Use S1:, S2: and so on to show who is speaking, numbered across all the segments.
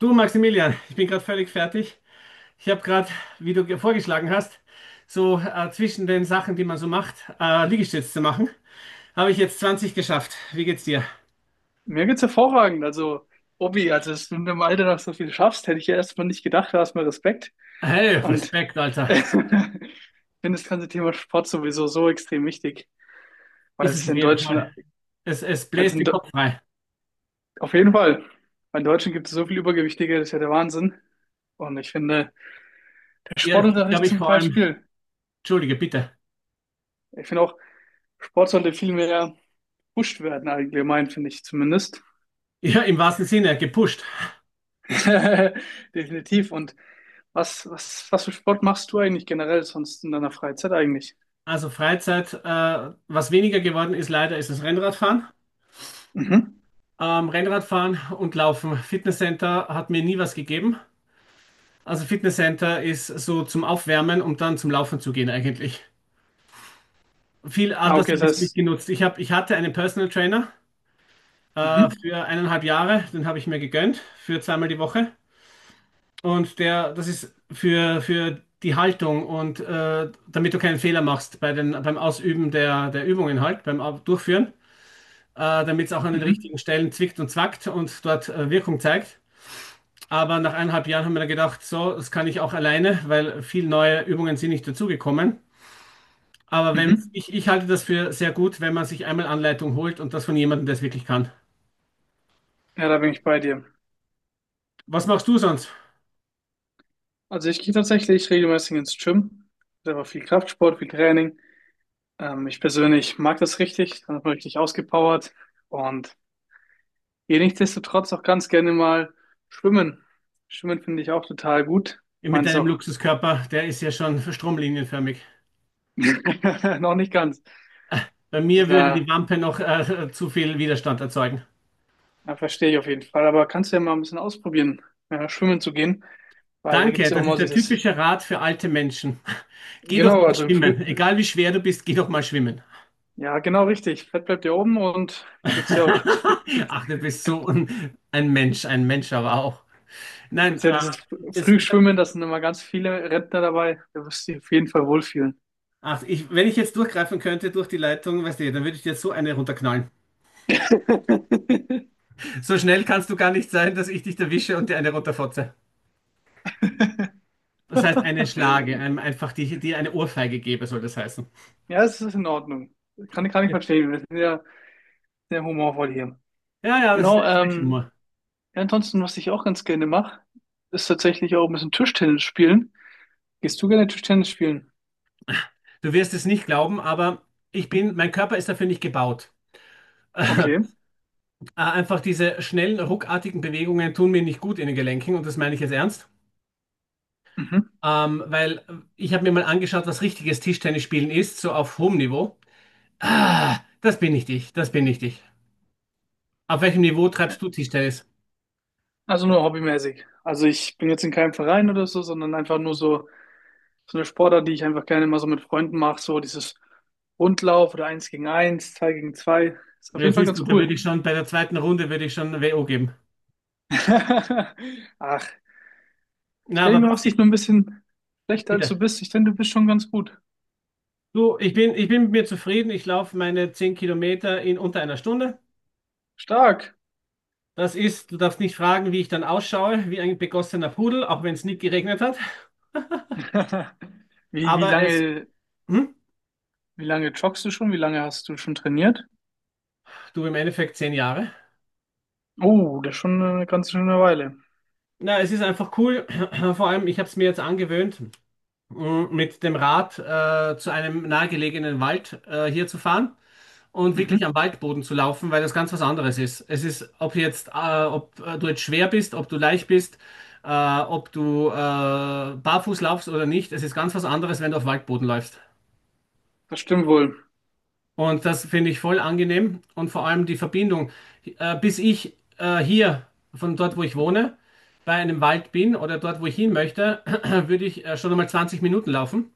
S1: Du, Maximilian, ich bin gerade völlig fertig. Ich habe gerade, wie du vorgeschlagen hast, so zwischen den Sachen, die man so macht, Liegestütz zu machen, habe ich jetzt 20 geschafft. Wie geht's dir?
S2: Mir geht's hervorragend. Also, Obi, also, dass du in dem Alter noch so viel schaffst, hätte ich ja erstmal nicht gedacht. Da hast du mir Respekt.
S1: Hey,
S2: Und
S1: Respekt, Alter.
S2: ich finde das ganze Thema Sport sowieso so extrem wichtig, weil
S1: Ist es
S2: es
S1: auf
S2: in
S1: jeden
S2: Deutschland,
S1: Fall. Es
S2: also
S1: bläst
S2: in,
S1: den
S2: Do-
S1: Kopf frei.
S2: auf jeden Fall, weil in Deutschland gibt es so viel Übergewichtige, das ist ja der Wahnsinn. Und ich finde, der
S1: Ja, es gibt,
S2: Sportunterricht
S1: glaube ich,
S2: zum
S1: vor allem,
S2: Beispiel,
S1: entschuldige, bitte.
S2: ich finde auch, Sport sollte viel mehr gepusht werden, allgemein, finde ich zumindest.
S1: Ja, im wahrsten Sinne, gepusht.
S2: Definitiv. Und was für Sport machst du eigentlich generell sonst in deiner Freizeit eigentlich?
S1: Also Freizeit, was weniger geworden ist, leider, ist das Rennradfahren.
S2: Mhm.
S1: Rennradfahren und Laufen. Fitnesscenter hat mir nie was gegeben. Also Fitnesscenter ist so zum Aufwärmen, um dann zum Laufen zu gehen eigentlich. Viel
S2: Ah,
S1: anders
S2: okay, das
S1: habe ich es nicht
S2: heißt,
S1: genutzt. Ich hatte einen Personal Trainer
S2: mhm,
S1: für eineinhalb Jahre, den habe ich mir gegönnt für zweimal die Woche. Und der, das ist für die Haltung und damit du keinen Fehler machst bei beim Ausüben der Übungen halt, beim Durchführen, damit es auch an den
S2: mhm,
S1: richtigen Stellen zwickt und zwackt und dort Wirkung zeigt. Aber nach eineinhalb Jahren haben wir dann gedacht, so, das kann ich auch alleine, weil viele neue Übungen sind nicht dazugekommen. Aber wenn
S2: mhm.
S1: ich, ich halte das für sehr gut, wenn man sich einmal Anleitung holt und das von jemandem, der es wirklich kann.
S2: Ja, da bin ich bei dir.
S1: Was machst du sonst
S2: Also ich gehe tatsächlich regelmäßig ins Gym. Selber viel Kraftsport, viel Training. Ich persönlich mag das richtig, dann ist man richtig ausgepowert und gehe nichtsdestotrotz auch ganz gerne mal schwimmen. Schwimmen finde ich auch total gut. Ich
S1: mit
S2: meine es
S1: deinem
S2: auch
S1: Luxuskörper? Der ist ja schon stromlinienförmig.
S2: noch nicht ganz.
S1: Bei
S2: Also
S1: mir würde die
S2: da
S1: Wampe noch zu viel Widerstand erzeugen.
S2: Ja, verstehe ich auf jeden Fall. Aber kannst du ja mal ein bisschen ausprobieren, ja, schwimmen zu gehen. Weil da gibt's
S1: Danke,
S2: ja auch
S1: das ist
S2: mal
S1: der
S2: dieses.
S1: typische Rat für alte Menschen. Geh doch
S2: Genau,
S1: mal
S2: also im Früh.
S1: schwimmen. Egal wie schwer du bist, geh doch mal schwimmen.
S2: Ja, genau richtig. Fett bleibt ja oben und da gibt's ja auch das Früh gibt,
S1: Ach, du bist
S2: gibt,
S1: so ein Mensch aber auch. Nein,
S2: gibt's ja dieses
S1: das, ich,
S2: Frühschwimmen, da sind immer ganz viele Rentner dabei. Da wirst du dich auf jeden Fall wohlfühlen.
S1: ach, ich, wenn ich jetzt durchgreifen könnte durch die Leitung, weißt du, dann würde ich dir so eine runterknallen. So schnell kannst du gar nicht sein, dass ich dich erwische und dir eine runterfotze. Das heißt, eine Schlage, einfach die eine Ohrfeige gebe, soll das heißen.
S2: Ja, es ist in Ordnung. Kann ich verstehen. Wir sind ja sehr humorvoll hier.
S1: Ja, ja, das ist
S2: Genau,
S1: österreichischer.
S2: ja, ansonsten, was ich auch ganz gerne mache, ist tatsächlich auch ein bisschen Tischtennis spielen. Gehst du gerne Tischtennis spielen?
S1: Du wirst es nicht glauben, aber ich bin, mein Körper ist dafür nicht gebaut.
S2: Okay.
S1: Einfach diese schnellen, ruckartigen Bewegungen tun mir nicht gut in den Gelenken und das meine ich jetzt ernst.
S2: Mhm.
S1: Weil ich habe mir mal angeschaut, was richtiges Tischtennisspielen ist, so auf hohem Niveau. Ah, das bin nicht ich, das bin nicht ich. Auf welchem Niveau treibst du Tischtennis?
S2: Also nur hobbymäßig. Also ich bin jetzt in keinem Verein oder so, sondern einfach nur so, so eine Sportart, die ich einfach gerne mal so mit Freunden mache. So dieses Rundlauf oder eins gegen eins, zwei gegen zwei. Ist auf
S1: Ja,
S2: jeden Fall
S1: siehst
S2: ganz
S1: du, da würde
S2: cool.
S1: ich schon bei der zweiten Runde würde ich schon WO geben.
S2: Ach, ich
S1: Na, aber
S2: denke, du
S1: was
S2: machst dich
S1: ich,
S2: nur ein bisschen schlechter, als
S1: bitte.
S2: du bist. Ich denke, du bist schon ganz gut.
S1: Du, ich bin mit mir zufrieden. Ich laufe meine 10 Kilometer in unter einer Stunde.
S2: Stark.
S1: Das ist, du darfst nicht fragen, wie ich dann ausschaue, wie ein begossener Pudel, auch wenn es nicht geregnet hat.
S2: Wie, wie
S1: Aber es,
S2: lange,
S1: hm,
S2: wie lange joggst du schon? Wie lange hast du schon trainiert?
S1: du im Endeffekt 10 Jahre.
S2: Oh, das ist schon eine ganz schöne Weile.
S1: Na, es ist einfach cool. Vor allem, ich habe es mir jetzt angewöhnt, mit dem Rad zu einem nahegelegenen Wald hier zu fahren. Und wirklich am
S2: Mhm.
S1: Waldboden zu laufen, weil das ganz was anderes ist. Es ist, ob du jetzt schwer bist, ob du leicht bist, ob du barfuß laufst oder nicht, es ist ganz was anderes, wenn du auf Waldboden läufst.
S2: Das stimmt wohl.
S1: Und das finde ich voll angenehm und vor allem die Verbindung. Bis ich hier von dort, wo ich wohne, bei einem Wald bin oder dort, wo ich hin möchte, würde ich schon einmal 20 Minuten laufen,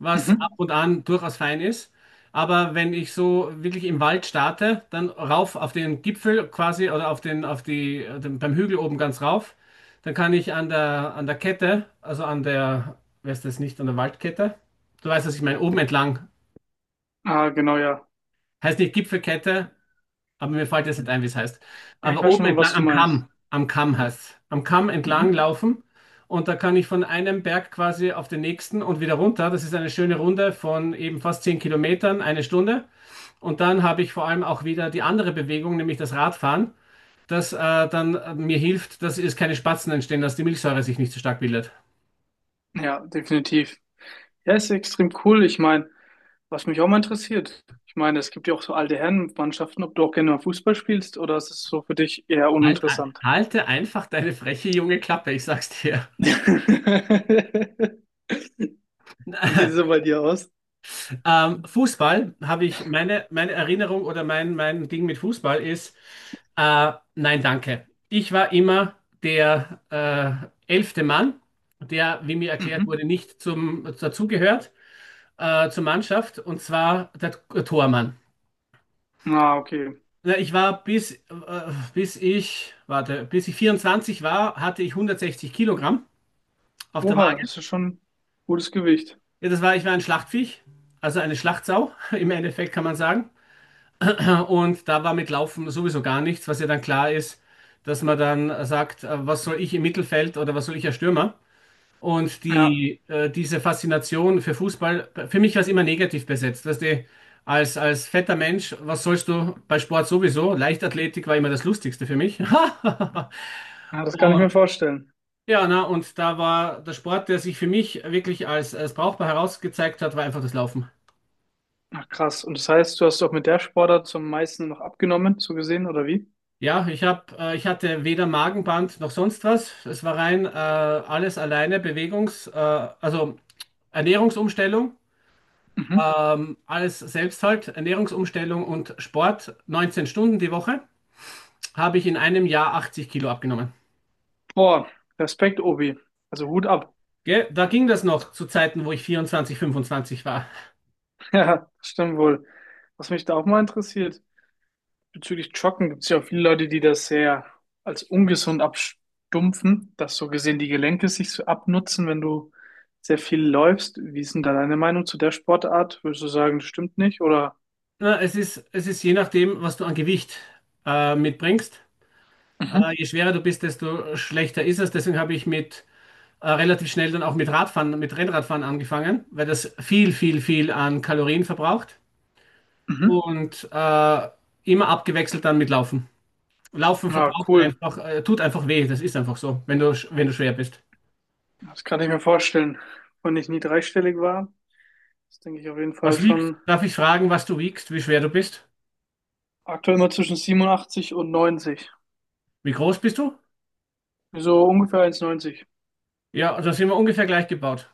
S1: was ab
S2: Mhm.
S1: und an durchaus fein ist. Aber wenn ich so wirklich im Wald starte, dann rauf auf den Gipfel quasi oder auf den, auf die, den, beim Hügel oben ganz rauf, dann kann ich an der Kette, wer ist das nicht, an der Waldkette? Du weißt, was ich meine, oben entlang.
S2: Ah, genau, ja.
S1: Heißt nicht Gipfelkette, aber mir fällt jetzt nicht ein, wie es heißt.
S2: Ja, ich
S1: Aber
S2: weiß
S1: oben
S2: schon, was
S1: entlang,
S2: du meinst.
S1: Am Kamm heißt es. Am Kamm entlang
S2: Mhm.
S1: laufen. Und da kann ich von einem Berg quasi auf den nächsten und wieder runter. Das ist eine schöne Runde von eben fast 10 Kilometern, eine Stunde. Und dann habe ich vor allem auch wieder die andere Bewegung, nämlich das Radfahren, das dann mir hilft, dass es keine Spatzen entstehen, dass die Milchsäure sich nicht so stark bildet.
S2: Ja, definitiv. Ja, ist extrem cool. Ich meine, was mich auch mal interessiert, ich meine, es gibt ja auch so alte Herrenmannschaften, ob du auch gerne mal Fußball spielst oder ist es so für dich eher
S1: Halt,
S2: uninteressant?
S1: halte einfach deine freche junge Klappe, ich sag's dir.
S2: Wie sieht es so bei dir aus?
S1: Fußball habe meine Erinnerung oder mein Ding mit Fußball ist, nein, danke. Ich war immer der elfte Mann, der, wie mir erklärt wurde,
S2: Mhm.
S1: nicht zum, dazugehört zur Mannschaft und zwar der Tormann.
S2: Ah, okay.
S1: Na, ich war warte, bis ich 24 war, hatte ich 160 Kilogramm auf der
S2: Oha,
S1: Waage.
S2: das ist schon gutes Gewicht.
S1: Ja, das war, ich war ein Schlachtviech, also eine Schlachtsau im Endeffekt kann man sagen. Und da war mit Laufen sowieso gar nichts, was ja dann klar ist, dass man dann sagt, was soll ich im Mittelfeld oder was soll ich als Stürmer? Und
S2: Ja,
S1: diese Faszination für Fußball, für mich war es immer negativ besetzt. Weißt du, als fetter Mensch, was sollst du bei Sport sowieso? Leichtathletik war immer das Lustigste für mich.
S2: ja, das kann ich
S1: Und,
S2: mir vorstellen.
S1: und da war der Sport, der sich für mich wirklich als brauchbar herausgezeigt hat, war einfach das Laufen.
S2: Ach, krass. Und das heißt, du hast auch mit der Sportart zum meisten noch abgenommen, so gesehen, oder wie?
S1: Ich hatte weder Magenband noch sonst was. Es war rein alles alleine Bewegungs, also Ernährungsumstellung,
S2: Mhm.
S1: alles selbst halt, Ernährungsumstellung und Sport. 19 Stunden die Woche, habe ich in einem Jahr 80 Kilo abgenommen.
S2: Boah, Respekt, Obi. Also Hut ab.
S1: Gell? Da ging das noch zu Zeiten, wo ich 24, 25 war.
S2: Ja, das stimmt wohl. Was mich da auch mal interessiert, bezüglich Joggen gibt es ja auch viele Leute, die das sehr als ungesund abstumpfen, dass so gesehen die Gelenke sich so abnutzen, wenn du sehr viel läufst. Wie ist denn da deine Meinung zu der Sportart? Würdest du sagen, das stimmt nicht? Oder?
S1: Na, es ist je nachdem, was du an Gewicht mitbringst.
S2: Mhm.
S1: Je schwerer du bist, desto schlechter ist es. Deswegen habe ich mit relativ schnell dann auch mit Radfahren, mit Rennradfahren angefangen, weil das viel, viel, viel an Kalorien verbraucht
S2: Mhm.
S1: und immer abgewechselt dann mit Laufen. Laufen
S2: Ja,
S1: verbraucht
S2: cool.
S1: einfach, tut einfach weh, das ist einfach so, wenn du, wenn du schwer bist.
S2: Das kann ich mir vorstellen. Wenn ich nie dreistellig war, das denke ich auf jeden Fall
S1: Was wiegst?
S2: schon
S1: Darf ich fragen, was du wiegst, wie schwer du bist?
S2: aktuell immer zwischen 87 und 90.
S1: Wie groß bist du?
S2: So ungefähr 1,90.
S1: Ja, also sind wir ungefähr gleich gebaut.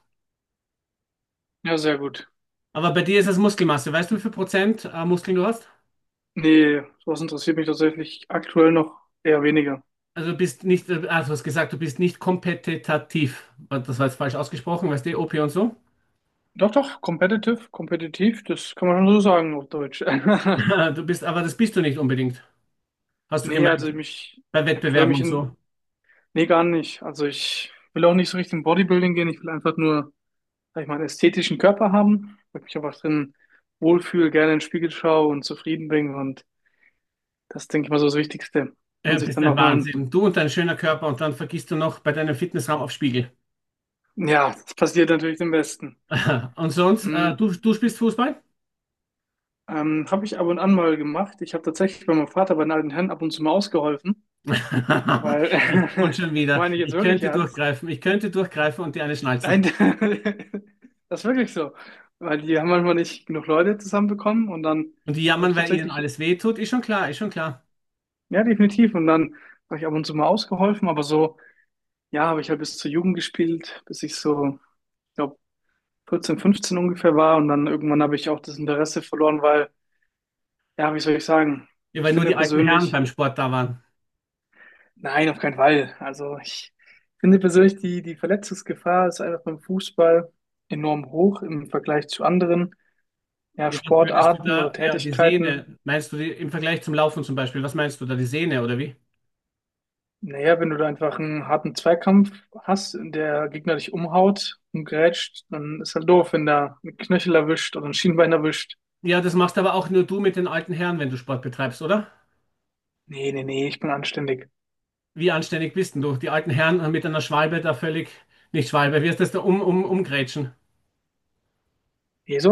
S2: Ja, sehr gut.
S1: Aber bei dir ist das Muskelmasse. Weißt du, wie viel Prozent Muskeln du hast?
S2: Nee, sowas interessiert mich tatsächlich aktuell noch eher weniger.
S1: Also du bist nicht, also du hast gesagt, du bist nicht kompetitiv. Das war jetzt falsch ausgesprochen, weißt du, OP und so.
S2: Doch, doch, competitive, kompetitiv, das kann man schon so sagen auf Deutsch.
S1: Du bist, aber das bist du nicht unbedingt, hast du
S2: Nee, also
S1: gemeint,
S2: mich,
S1: bei
S2: aktuell
S1: Wettbewerben
S2: mich
S1: und
S2: in,
S1: so.
S2: nee, gar nicht. Also ich will auch nicht so richtig in Bodybuilding gehen. Ich will einfach nur, sag ich mal, einen ästhetischen Körper haben, weil ich mich einfach drin wohlfühle, gerne in den Spiegel schaue und zufrieden bin. Und das, denke ich mal, so das Wichtigste. Und
S1: Du
S2: sich
S1: bist
S2: dann
S1: ein
S2: auch mal,
S1: Wahnsinn. Du und dein schöner Körper und dann vergisst du noch bei deinem Fitnessraum auf Spiegel.
S2: ja, das passiert natürlich dem Besten.
S1: Und sonst,
S2: Mm,
S1: du spielst Fußball?
S2: habe ich ab und an mal gemacht. Ich habe tatsächlich bei meinem Vater bei den alten Herren ab und zu mal ausgeholfen, weil,
S1: Ich- Und
S2: das
S1: schon wieder.
S2: meine ich jetzt wirklich ernst.
S1: Ich könnte durchgreifen und die eine schnalzen.
S2: Nein, das ist wirklich so, weil die haben manchmal nicht genug Leute zusammenbekommen und dann
S1: Und die
S2: habe ich
S1: jammern, weil ihnen
S2: tatsächlich,
S1: alles weh tut, ist schon klar, ist schon klar.
S2: ja, definitiv, und dann habe ich ab und zu mal ausgeholfen, aber so, ja, habe ich halt bis zur Jugend gespielt, bis ich so, ich glaube, 14, 15 ungefähr war und dann irgendwann habe ich auch das Interesse verloren, weil, ja, wie soll ich sagen,
S1: Ja,
S2: ich
S1: weil nur
S2: finde
S1: die alten Herren
S2: persönlich.
S1: beim Sport da waren.
S2: Nein, auf keinen Fall. Also ich finde persönlich, die Verletzungsgefahr ist einfach beim Fußball enorm hoch im Vergleich zu anderen, ja,
S1: Ja, was würdest du
S2: Sportarten oder
S1: da, ja, die
S2: Tätigkeiten.
S1: Sehne, meinst du die im Vergleich zum Laufen zum Beispiel, was meinst du da, die Sehne oder wie?
S2: Naja, wenn du da einfach einen harten Zweikampf hast, in der Gegner dich umhaut und grätscht, dann ist halt doof, wenn da ein Knöchel erwischt oder ein Schienbein erwischt.
S1: Ja, das machst aber auch nur du mit den alten Herren, wenn du Sport betreibst, oder?
S2: Nee, nee, nee, ich bin anständig.
S1: Wie anständig bist denn du? Die alten Herren mit einer Schwalbe da völlig, nicht Schwalbe, wie heißt das da, umgrätschen.
S2: Nee, so